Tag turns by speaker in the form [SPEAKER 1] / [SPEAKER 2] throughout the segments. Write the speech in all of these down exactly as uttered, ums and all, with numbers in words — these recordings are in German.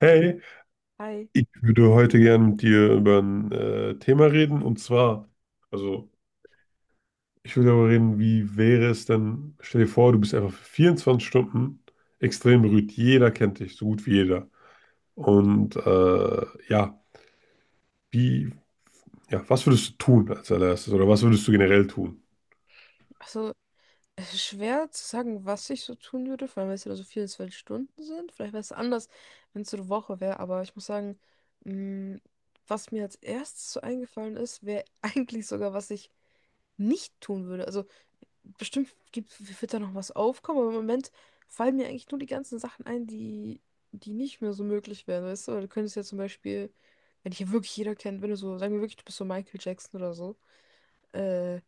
[SPEAKER 1] Hey,
[SPEAKER 2] Hi.
[SPEAKER 1] ich würde heute gerne mit dir über ein äh, Thema reden und zwar, also ich würde darüber reden, wie wäre es denn, stell dir vor, du bist einfach für vierundzwanzig Stunden extrem berühmt. Jeder kennt dich, so gut wie jeder. Und äh, ja, wie, ja, was würdest du tun als allererstes oder was würdest du generell tun?
[SPEAKER 2] Also, es ist schwer zu sagen, was ich so tun würde, vor allem, weil es ja so vierundzwanzig Stunden sind. Vielleicht wäre es anders, wenn es so eine Woche wäre, aber ich muss sagen, mh, was mir als erstes so eingefallen ist, wäre eigentlich sogar, was ich nicht tun würde. Also, bestimmt gibt, wird da noch was aufkommen, aber im Moment fallen mir eigentlich nur die ganzen Sachen ein, die, die nicht mehr so möglich wären, weißt du? Weil du könntest ja zum Beispiel, wenn dich ja wirklich jeder kennt, wenn du so, sagen wir wirklich, du bist so Michael Jackson oder so. äh,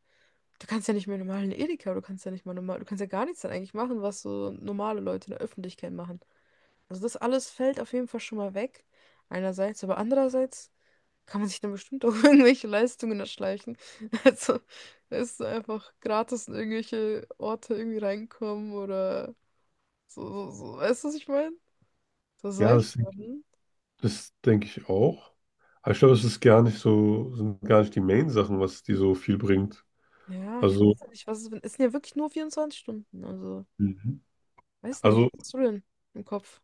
[SPEAKER 2] Du kannst ja nicht mehr normal in den Edeka, du kannst ja nicht mal normal, du kannst ja gar nichts dann eigentlich machen, was so normale Leute in der Öffentlichkeit machen. Also das alles fällt auf jeden Fall schon mal weg, einerseits, aber andererseits kann man sich dann bestimmt auch irgendwelche Leistungen erschleichen. Also es ist einfach gratis in irgendwelche Orte irgendwie reinkommen oder so, so, so. Weißt du, was ich meine? So
[SPEAKER 1] Ja,
[SPEAKER 2] solche
[SPEAKER 1] das,
[SPEAKER 2] Sachen.
[SPEAKER 1] das denke ich auch. Aber ich glaube, es ist gar nicht so, sind gar nicht die Main-Sachen, was die so viel bringt.
[SPEAKER 2] Ja, ich
[SPEAKER 1] Also,
[SPEAKER 2] weiß ja nicht, was es es sind ja wirklich nur vierundzwanzig Stunden, also
[SPEAKER 1] Mhm.
[SPEAKER 2] weiß nicht,
[SPEAKER 1] also
[SPEAKER 2] was hast du denn im Kopf?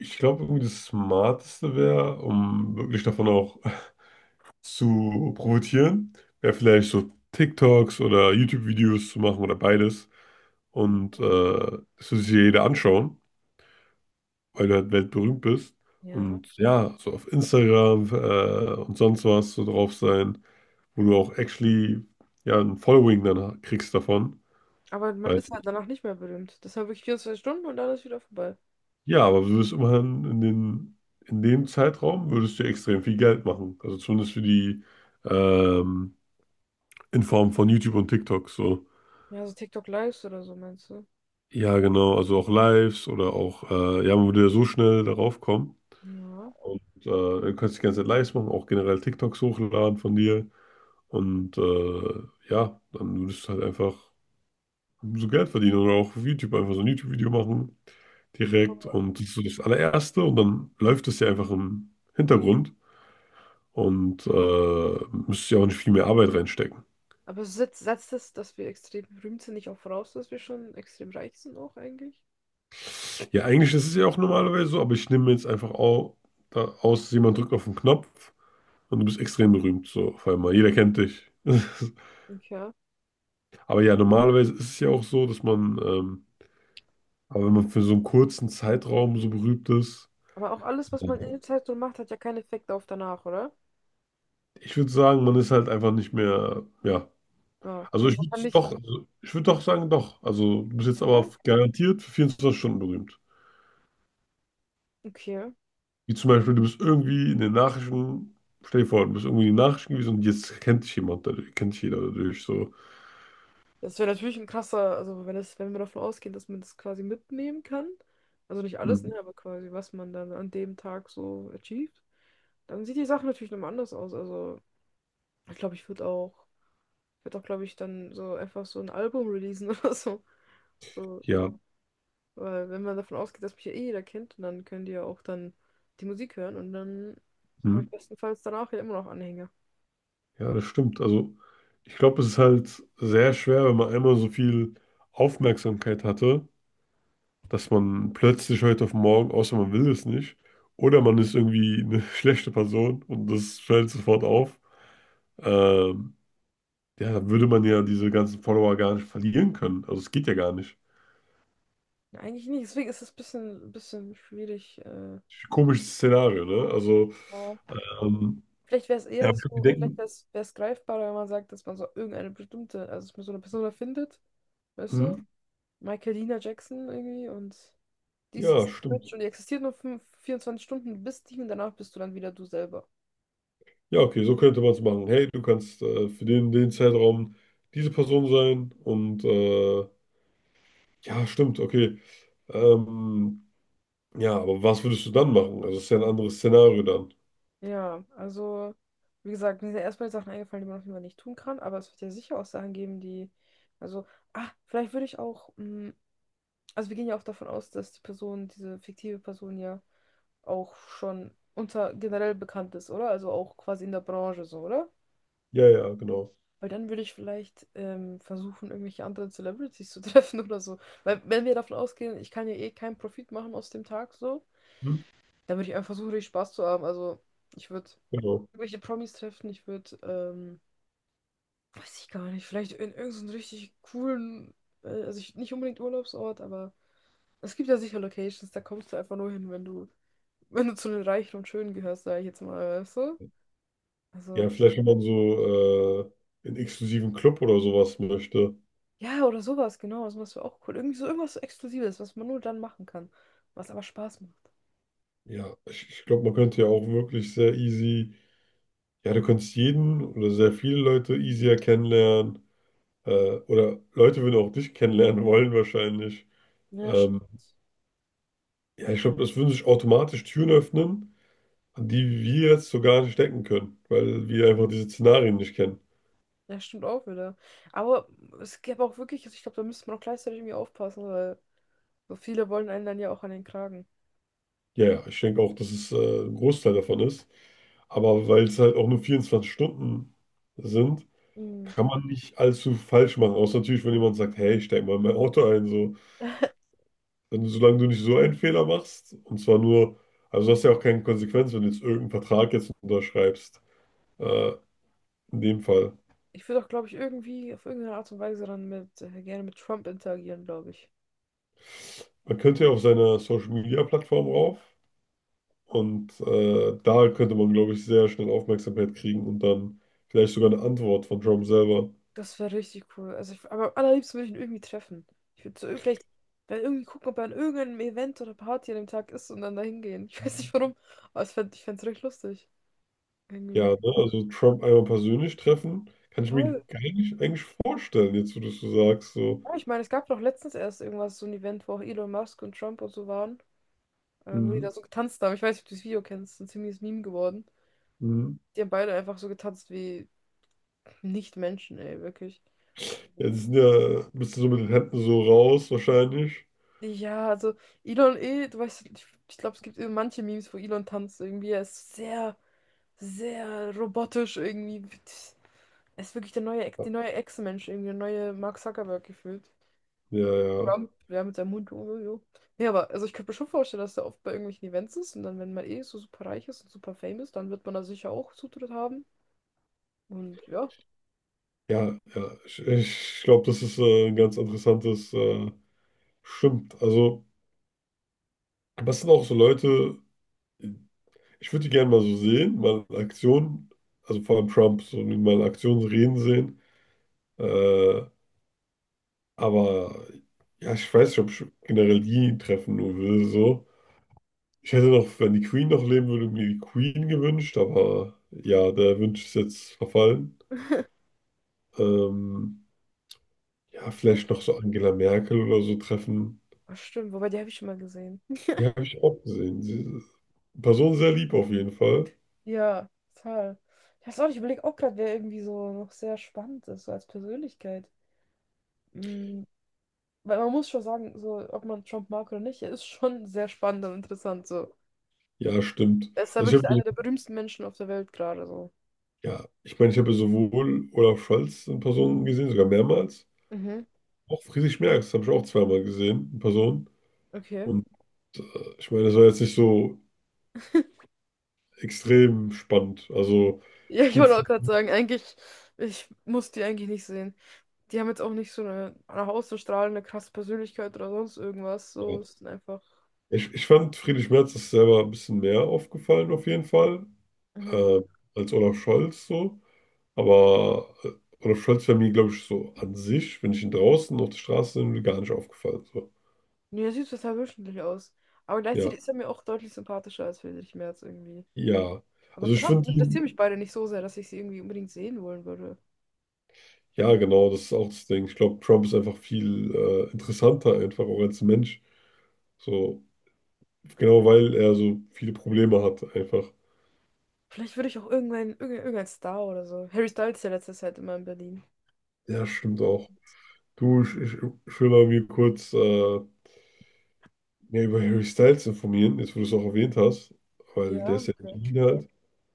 [SPEAKER 1] ich glaube, irgendwie das Smarteste wäre, um wirklich davon auch zu profitieren, wäre vielleicht so TikToks oder YouTube-Videos zu machen oder beides. Und äh, das würde sich ja jeder anschauen, weil du halt weltberühmt bist.
[SPEAKER 2] Ja.
[SPEAKER 1] Und ja, so auf Instagram äh, und sonst was so drauf sein, wo du auch actually ja ein Following dann kriegst davon.
[SPEAKER 2] Aber man
[SPEAKER 1] Weil
[SPEAKER 2] ist halt danach nicht mehr berühmt. Das war wirklich vierundzwanzig Stunden und dann ist wieder vorbei.
[SPEAKER 1] Ja, aber du wirst immerhin in den, in dem Zeitraum würdest du extrem viel Geld machen. Also zumindest für die, ähm, in Form von YouTube und TikTok, so.
[SPEAKER 2] Ja, so TikTok Lives oder so, meinst du?
[SPEAKER 1] Ja, genau, also auch Lives oder auch, äh, ja, man würde ja so schnell darauf kommen.
[SPEAKER 2] Ja.
[SPEAKER 1] Und äh, du kannst die ganze Zeit Lives machen, auch generell TikToks hochladen von dir. Und äh, ja, dann würdest du halt einfach so Geld verdienen oder auch auf YouTube einfach so ein YouTube-Video machen direkt. Und das ist so das allererste und dann läuft es ja einfach im Hintergrund. Und äh, müsste ja auch nicht viel mehr Arbeit reinstecken.
[SPEAKER 2] Aber setzt, setzt das, dass wir extrem berühmt sind, nicht auch voraus, dass wir schon extrem reich sind auch eigentlich?
[SPEAKER 1] Ja, eigentlich ist es ja auch normalerweise so, aber ich nehme mir jetzt einfach au, da, aus, jemand drückt auf den Knopf und du bist extrem berühmt. So, auf einmal. Jeder kennt dich.
[SPEAKER 2] Okay.
[SPEAKER 1] Aber ja, normalerweise ist es ja auch so, dass man, ähm, aber wenn man für so einen kurzen Zeitraum so berühmt ist,
[SPEAKER 2] Aber auch alles, was man in der Zeit so macht, hat ja keinen Effekt auf danach, oder?
[SPEAKER 1] ich würde sagen, man ist halt einfach nicht mehr, ja.
[SPEAKER 2] Ja.
[SPEAKER 1] Also
[SPEAKER 2] Also
[SPEAKER 1] ich
[SPEAKER 2] man
[SPEAKER 1] würde
[SPEAKER 2] kann nicht.
[SPEAKER 1] doch, also ich würde doch sagen, doch. Also du bist jetzt
[SPEAKER 2] Ja,
[SPEAKER 1] aber garantiert für vierundzwanzig Stunden berühmt.
[SPEAKER 2] okay.
[SPEAKER 1] Wie zum Beispiel, du bist irgendwie in den Nachrichten, stell dir vor, du bist irgendwie in den Nachrichten gewesen und jetzt kennt dich jemand, dadurch, kennt dich jeder dadurch. So,
[SPEAKER 2] Das wäre natürlich ein krasser, also wenn das, wenn wir davon ausgehen, dass man das quasi mitnehmen kann. Also nicht alles, ne,
[SPEAKER 1] hm,
[SPEAKER 2] aber quasi, was man dann an dem Tag so achieved, dann sieht die Sache natürlich nochmal anders aus. Also ich glaube, ich würde auch, würde auch, glaube ich, dann so einfach so ein Album releasen oder so. So,
[SPEAKER 1] ja,
[SPEAKER 2] weil wenn man davon ausgeht, dass mich ja eh jeder kennt, und dann können die ja auch dann die Musik hören und dann
[SPEAKER 1] hm,
[SPEAKER 2] habe ich bestenfalls danach ja immer noch Anhänger.
[SPEAKER 1] ja, das stimmt. Also, ich glaube, es ist halt sehr schwer, wenn man einmal so viel Aufmerksamkeit hatte, dass man plötzlich heute auf morgen, außer man will es nicht, oder man ist irgendwie eine schlechte Person und das fällt sofort auf. Ähm, ja, dann würde man ja diese ganzen Follower gar nicht verlieren können. Also, es geht ja gar nicht.
[SPEAKER 2] Ja, eigentlich nicht, deswegen ist es ein bisschen, bisschen schwierig. Äh,
[SPEAKER 1] Komisches Szenario, ne? Also,
[SPEAKER 2] ja.
[SPEAKER 1] ähm,
[SPEAKER 2] Vielleicht wäre es
[SPEAKER 1] ja,
[SPEAKER 2] eher
[SPEAKER 1] hab ich schon
[SPEAKER 2] so, vielleicht
[SPEAKER 1] gedenkt.
[SPEAKER 2] wäre es greifbarer, wenn man sagt, dass man so irgendeine bestimmte, also dass man so eine Person findet, weißt du?
[SPEAKER 1] Mhm.
[SPEAKER 2] Michael Lina Jackson irgendwie und die ist
[SPEAKER 1] Ja,
[SPEAKER 2] existiert
[SPEAKER 1] stimmt.
[SPEAKER 2] schon, die existiert nur fünf vierundzwanzig Stunden, du bist die und danach bist du dann wieder du selber.
[SPEAKER 1] Ja, okay, so könnte man es machen. Hey, du kannst äh, für den, den Zeitraum diese Person sein und äh, ja, stimmt, okay. Ähm, ja, aber was würdest du dann machen? Also, es ist ja ein anderes Szenario dann.
[SPEAKER 2] Ja, also, wie gesagt, mir sind erstmal Sachen eingefallen, die man auf jeden Fall nicht tun kann, aber es wird ja sicher auch Sachen geben, die, also, ah, vielleicht würde ich auch, mm, also wir gehen ja auch davon aus, dass die Person, diese fiktive Person ja auch schon unter generell bekannt ist, oder? Also auch quasi in der Branche so, oder?
[SPEAKER 1] Ja, ja, genau.
[SPEAKER 2] Weil dann würde ich vielleicht ähm, versuchen, irgendwelche anderen Celebrities zu treffen oder so. Weil wenn wir davon ausgehen, ich kann ja eh keinen Profit machen aus dem Tag so,
[SPEAKER 1] Mhm.
[SPEAKER 2] dann würde ich einfach versuchen, richtig Spaß zu haben. Also ich würde
[SPEAKER 1] Genau.
[SPEAKER 2] irgendwelche Promis treffen. Ich würde, ähm, weiß ich gar nicht, vielleicht in irgendeinen richtig coolen, äh, also ich, nicht unbedingt Urlaubsort, aber es gibt ja sicher Locations, da kommst du einfach nur hin, wenn du, wenn du zu den Reichen und Schönen gehörst, sag ich jetzt mal, weißt du?
[SPEAKER 1] Ja,
[SPEAKER 2] Also,
[SPEAKER 1] vielleicht, wenn man so äh, in exklusiven Club oder sowas möchte.
[SPEAKER 2] ja, oder sowas, genau, das wäre auch cool. Irgendwie so irgendwas Exklusives, was man nur dann machen kann, was aber Spaß macht.
[SPEAKER 1] Ja, ich, ich glaube, man könnte ja auch wirklich sehr easy, ja, du könntest jeden oder sehr viele Leute easier kennenlernen. Äh, oder Leute würden auch dich kennenlernen wollen wahrscheinlich.
[SPEAKER 2] Ja,
[SPEAKER 1] Ähm,
[SPEAKER 2] stimmt.
[SPEAKER 1] ja, ich glaube, das würden sich automatisch Türen öffnen, an die wir jetzt so gar nicht denken können, weil wir einfach diese Szenarien nicht kennen.
[SPEAKER 2] Ja, stimmt auch wieder. Aber es gäbe auch wirklich, also ich glaube, da müsste man auch gleichzeitig irgendwie aufpassen, weil so viele wollen einen dann ja auch an den Kragen.
[SPEAKER 1] Ja, ja, ich denke auch, dass es äh, ein Großteil davon ist. Aber weil es halt auch nur vierundzwanzig Stunden sind,
[SPEAKER 2] Mm.
[SPEAKER 1] kann man nicht allzu falsch machen. Außer natürlich, wenn jemand sagt, hey, steig mal in mein Auto ein. So. Wenn du, Solange du nicht so einen Fehler machst, und zwar nur, also du hast ja auch keine Konsequenz, wenn du jetzt irgendeinen Vertrag jetzt unterschreibst. Äh, in dem Fall.
[SPEAKER 2] Ich würde auch, glaube ich, irgendwie auf irgendeine Art und Weise dann mit, äh, gerne mit Trump interagieren, glaube ich.
[SPEAKER 1] Man könnte ja auf seiner Social-Media-Plattform rauf und äh, da könnte man, glaube ich, sehr schnell Aufmerksamkeit kriegen und dann vielleicht sogar eine Antwort von Trump selber.
[SPEAKER 2] Das wäre richtig cool. Also ich, aber am allerliebsten würde ich ihn irgendwie treffen. Ich würde so ir- vielleicht wenn irgendwie gucken, ob er an irgendeinem Event oder Party an dem Tag ist und dann dahin gehen. Ich weiß nicht warum, aber ich fände, ich fände es recht lustig.
[SPEAKER 1] Ja,
[SPEAKER 2] Irgendwie.
[SPEAKER 1] ne? Also Trump einmal persönlich treffen, kann ich mir
[SPEAKER 2] Voll.
[SPEAKER 1] gar nicht eigentlich vorstellen, jetzt wo du es so sagst. So.
[SPEAKER 2] Ja, ich meine, es gab doch letztens erst irgendwas, so ein Event, wo auch Elon Musk und Trump und so waren, äh, wo die
[SPEAKER 1] Mhm.
[SPEAKER 2] da so getanzt haben. Ich weiß nicht, ob du das Video kennst, ist ein ziemliches Meme geworden.
[SPEAKER 1] Mhm.
[SPEAKER 2] Die haben beide einfach so getanzt wie Nicht-Menschen, ey, wirklich.
[SPEAKER 1] Ja, die sind ja ein bisschen so mit den Händen so raus wahrscheinlich.
[SPEAKER 2] Ja, also Elon eh, du weißt, ich, ich glaube, es gibt eh manche Memes, wo Elon tanzt irgendwie. Er ist sehr, sehr robotisch irgendwie. Er ist wirklich der neue, Ex- die neue Echsenmensch, irgendwie der neue Mark Zuckerberg gefühlt.
[SPEAKER 1] Ja, ja,
[SPEAKER 2] Trump, ja, mit seinem Hund. Jo, jo, jo. Nee, aber also ich könnte mir schon vorstellen, dass er oft bei irgendwelchen Events ist und dann, wenn man eh so super reich ist und super fame ist, dann wird man da sicher auch Zutritt haben. Und ja,
[SPEAKER 1] ja, ja. Ich, ich glaube, das ist äh, ein ganz interessantes, äh, stimmt. Also, was sind auch so Leute, ich würde die gerne mal so sehen, mal in Aktion, also vor allem Trump, so mal in Aktion reden sehen. Äh, aber ja, ich weiß nicht, ob ich generell die treffen nur will, so. Ich hätte noch, wenn die Queen noch leben würde, mir die Queen gewünscht, aber ja, der Wunsch ist jetzt verfallen.
[SPEAKER 2] ich
[SPEAKER 1] Ähm, ja, vielleicht noch so Angela Merkel oder so treffen.
[SPEAKER 2] ah, stimmt, wobei die habe ich schon mal gesehen.
[SPEAKER 1] Die habe ich auch gesehen. Sie, Person sehr lieb auf jeden Fall.
[SPEAKER 2] Ja, total. Ich weiß auch nicht, ich überlege auch gerade, wer irgendwie so noch sehr spannend ist, so als Persönlichkeit. Mm, Weil man muss schon sagen, so, ob man Trump mag oder nicht, er ist schon sehr spannend und interessant, so.
[SPEAKER 1] Ja, stimmt.
[SPEAKER 2] Er ist ja
[SPEAKER 1] Also ich
[SPEAKER 2] wirklich
[SPEAKER 1] habe
[SPEAKER 2] einer der berühmsten Menschen auf der Welt gerade, so.
[SPEAKER 1] Ja, ich meine, ich habe ja sowohl Olaf Scholz in Person gesehen, sogar mehrmals.
[SPEAKER 2] Mhm,
[SPEAKER 1] Auch Friedrich Merz habe ich auch zweimal gesehen in Person.
[SPEAKER 2] okay.
[SPEAKER 1] Und äh, ich meine, das war jetzt nicht so extrem spannend. Also
[SPEAKER 2] Ja, ich
[SPEAKER 1] gut,
[SPEAKER 2] wollte auch gerade
[SPEAKER 1] Friedrich
[SPEAKER 2] sagen, eigentlich, ich muss die eigentlich nicht sehen. Die haben jetzt auch nicht so eine nach außen strahlende, krasse Persönlichkeit oder sonst irgendwas, so,
[SPEAKER 1] Merz.
[SPEAKER 2] es sind einfach.
[SPEAKER 1] ich, ich fand, Friedrich Merz ist selber ein bisschen mehr aufgefallen auf jeden Fall
[SPEAKER 2] Mhm.
[SPEAKER 1] äh, als Olaf Scholz so. Aber äh, Olaf Scholz wäre mir, glaube ich, so an sich, wenn ich ihn draußen auf der Straße sehen würde, gar nicht aufgefallen. So.
[SPEAKER 2] Nee, er sieht total durchschnittlich aus. Aber
[SPEAKER 1] Ja,
[SPEAKER 2] gleichzeitig ist er mir auch deutlich sympathischer als Friedrich Merz irgendwie.
[SPEAKER 1] ja.
[SPEAKER 2] Aber
[SPEAKER 1] Also ich
[SPEAKER 2] trotzdem
[SPEAKER 1] finde ihn.
[SPEAKER 2] interessieren mich beide nicht so sehr, dass ich sie irgendwie unbedingt sehen wollen würde.
[SPEAKER 1] Ja, genau, das ist auch das Ding. Ich glaube, Trump ist einfach viel äh, interessanter, einfach auch als Mensch. So, genau weil er so viele Probleme hat, einfach.
[SPEAKER 2] Vielleicht würde ich auch irgendein, irgendein, irgendein Star oder so. Harry Styles ist ja letzte Zeit immer in Berlin.
[SPEAKER 1] Ja, stimmt auch. Du, ich, ich, ich will mal mir kurz äh, mehr über Harry Styles informieren, jetzt wo du es auch erwähnt hast, weil der
[SPEAKER 2] Ja,
[SPEAKER 1] ist ja in
[SPEAKER 2] okay.
[SPEAKER 1] Berlin halt.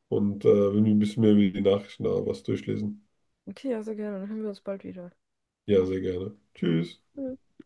[SPEAKER 1] Und äh, wenn wir ein bisschen mehr über die Nachrichten da was durchlesen.
[SPEAKER 2] Okay, ja, sehr gerne. Dann hören wir uns bald wieder.
[SPEAKER 1] Ja, sehr gerne. Tschüss.
[SPEAKER 2] Tschüss.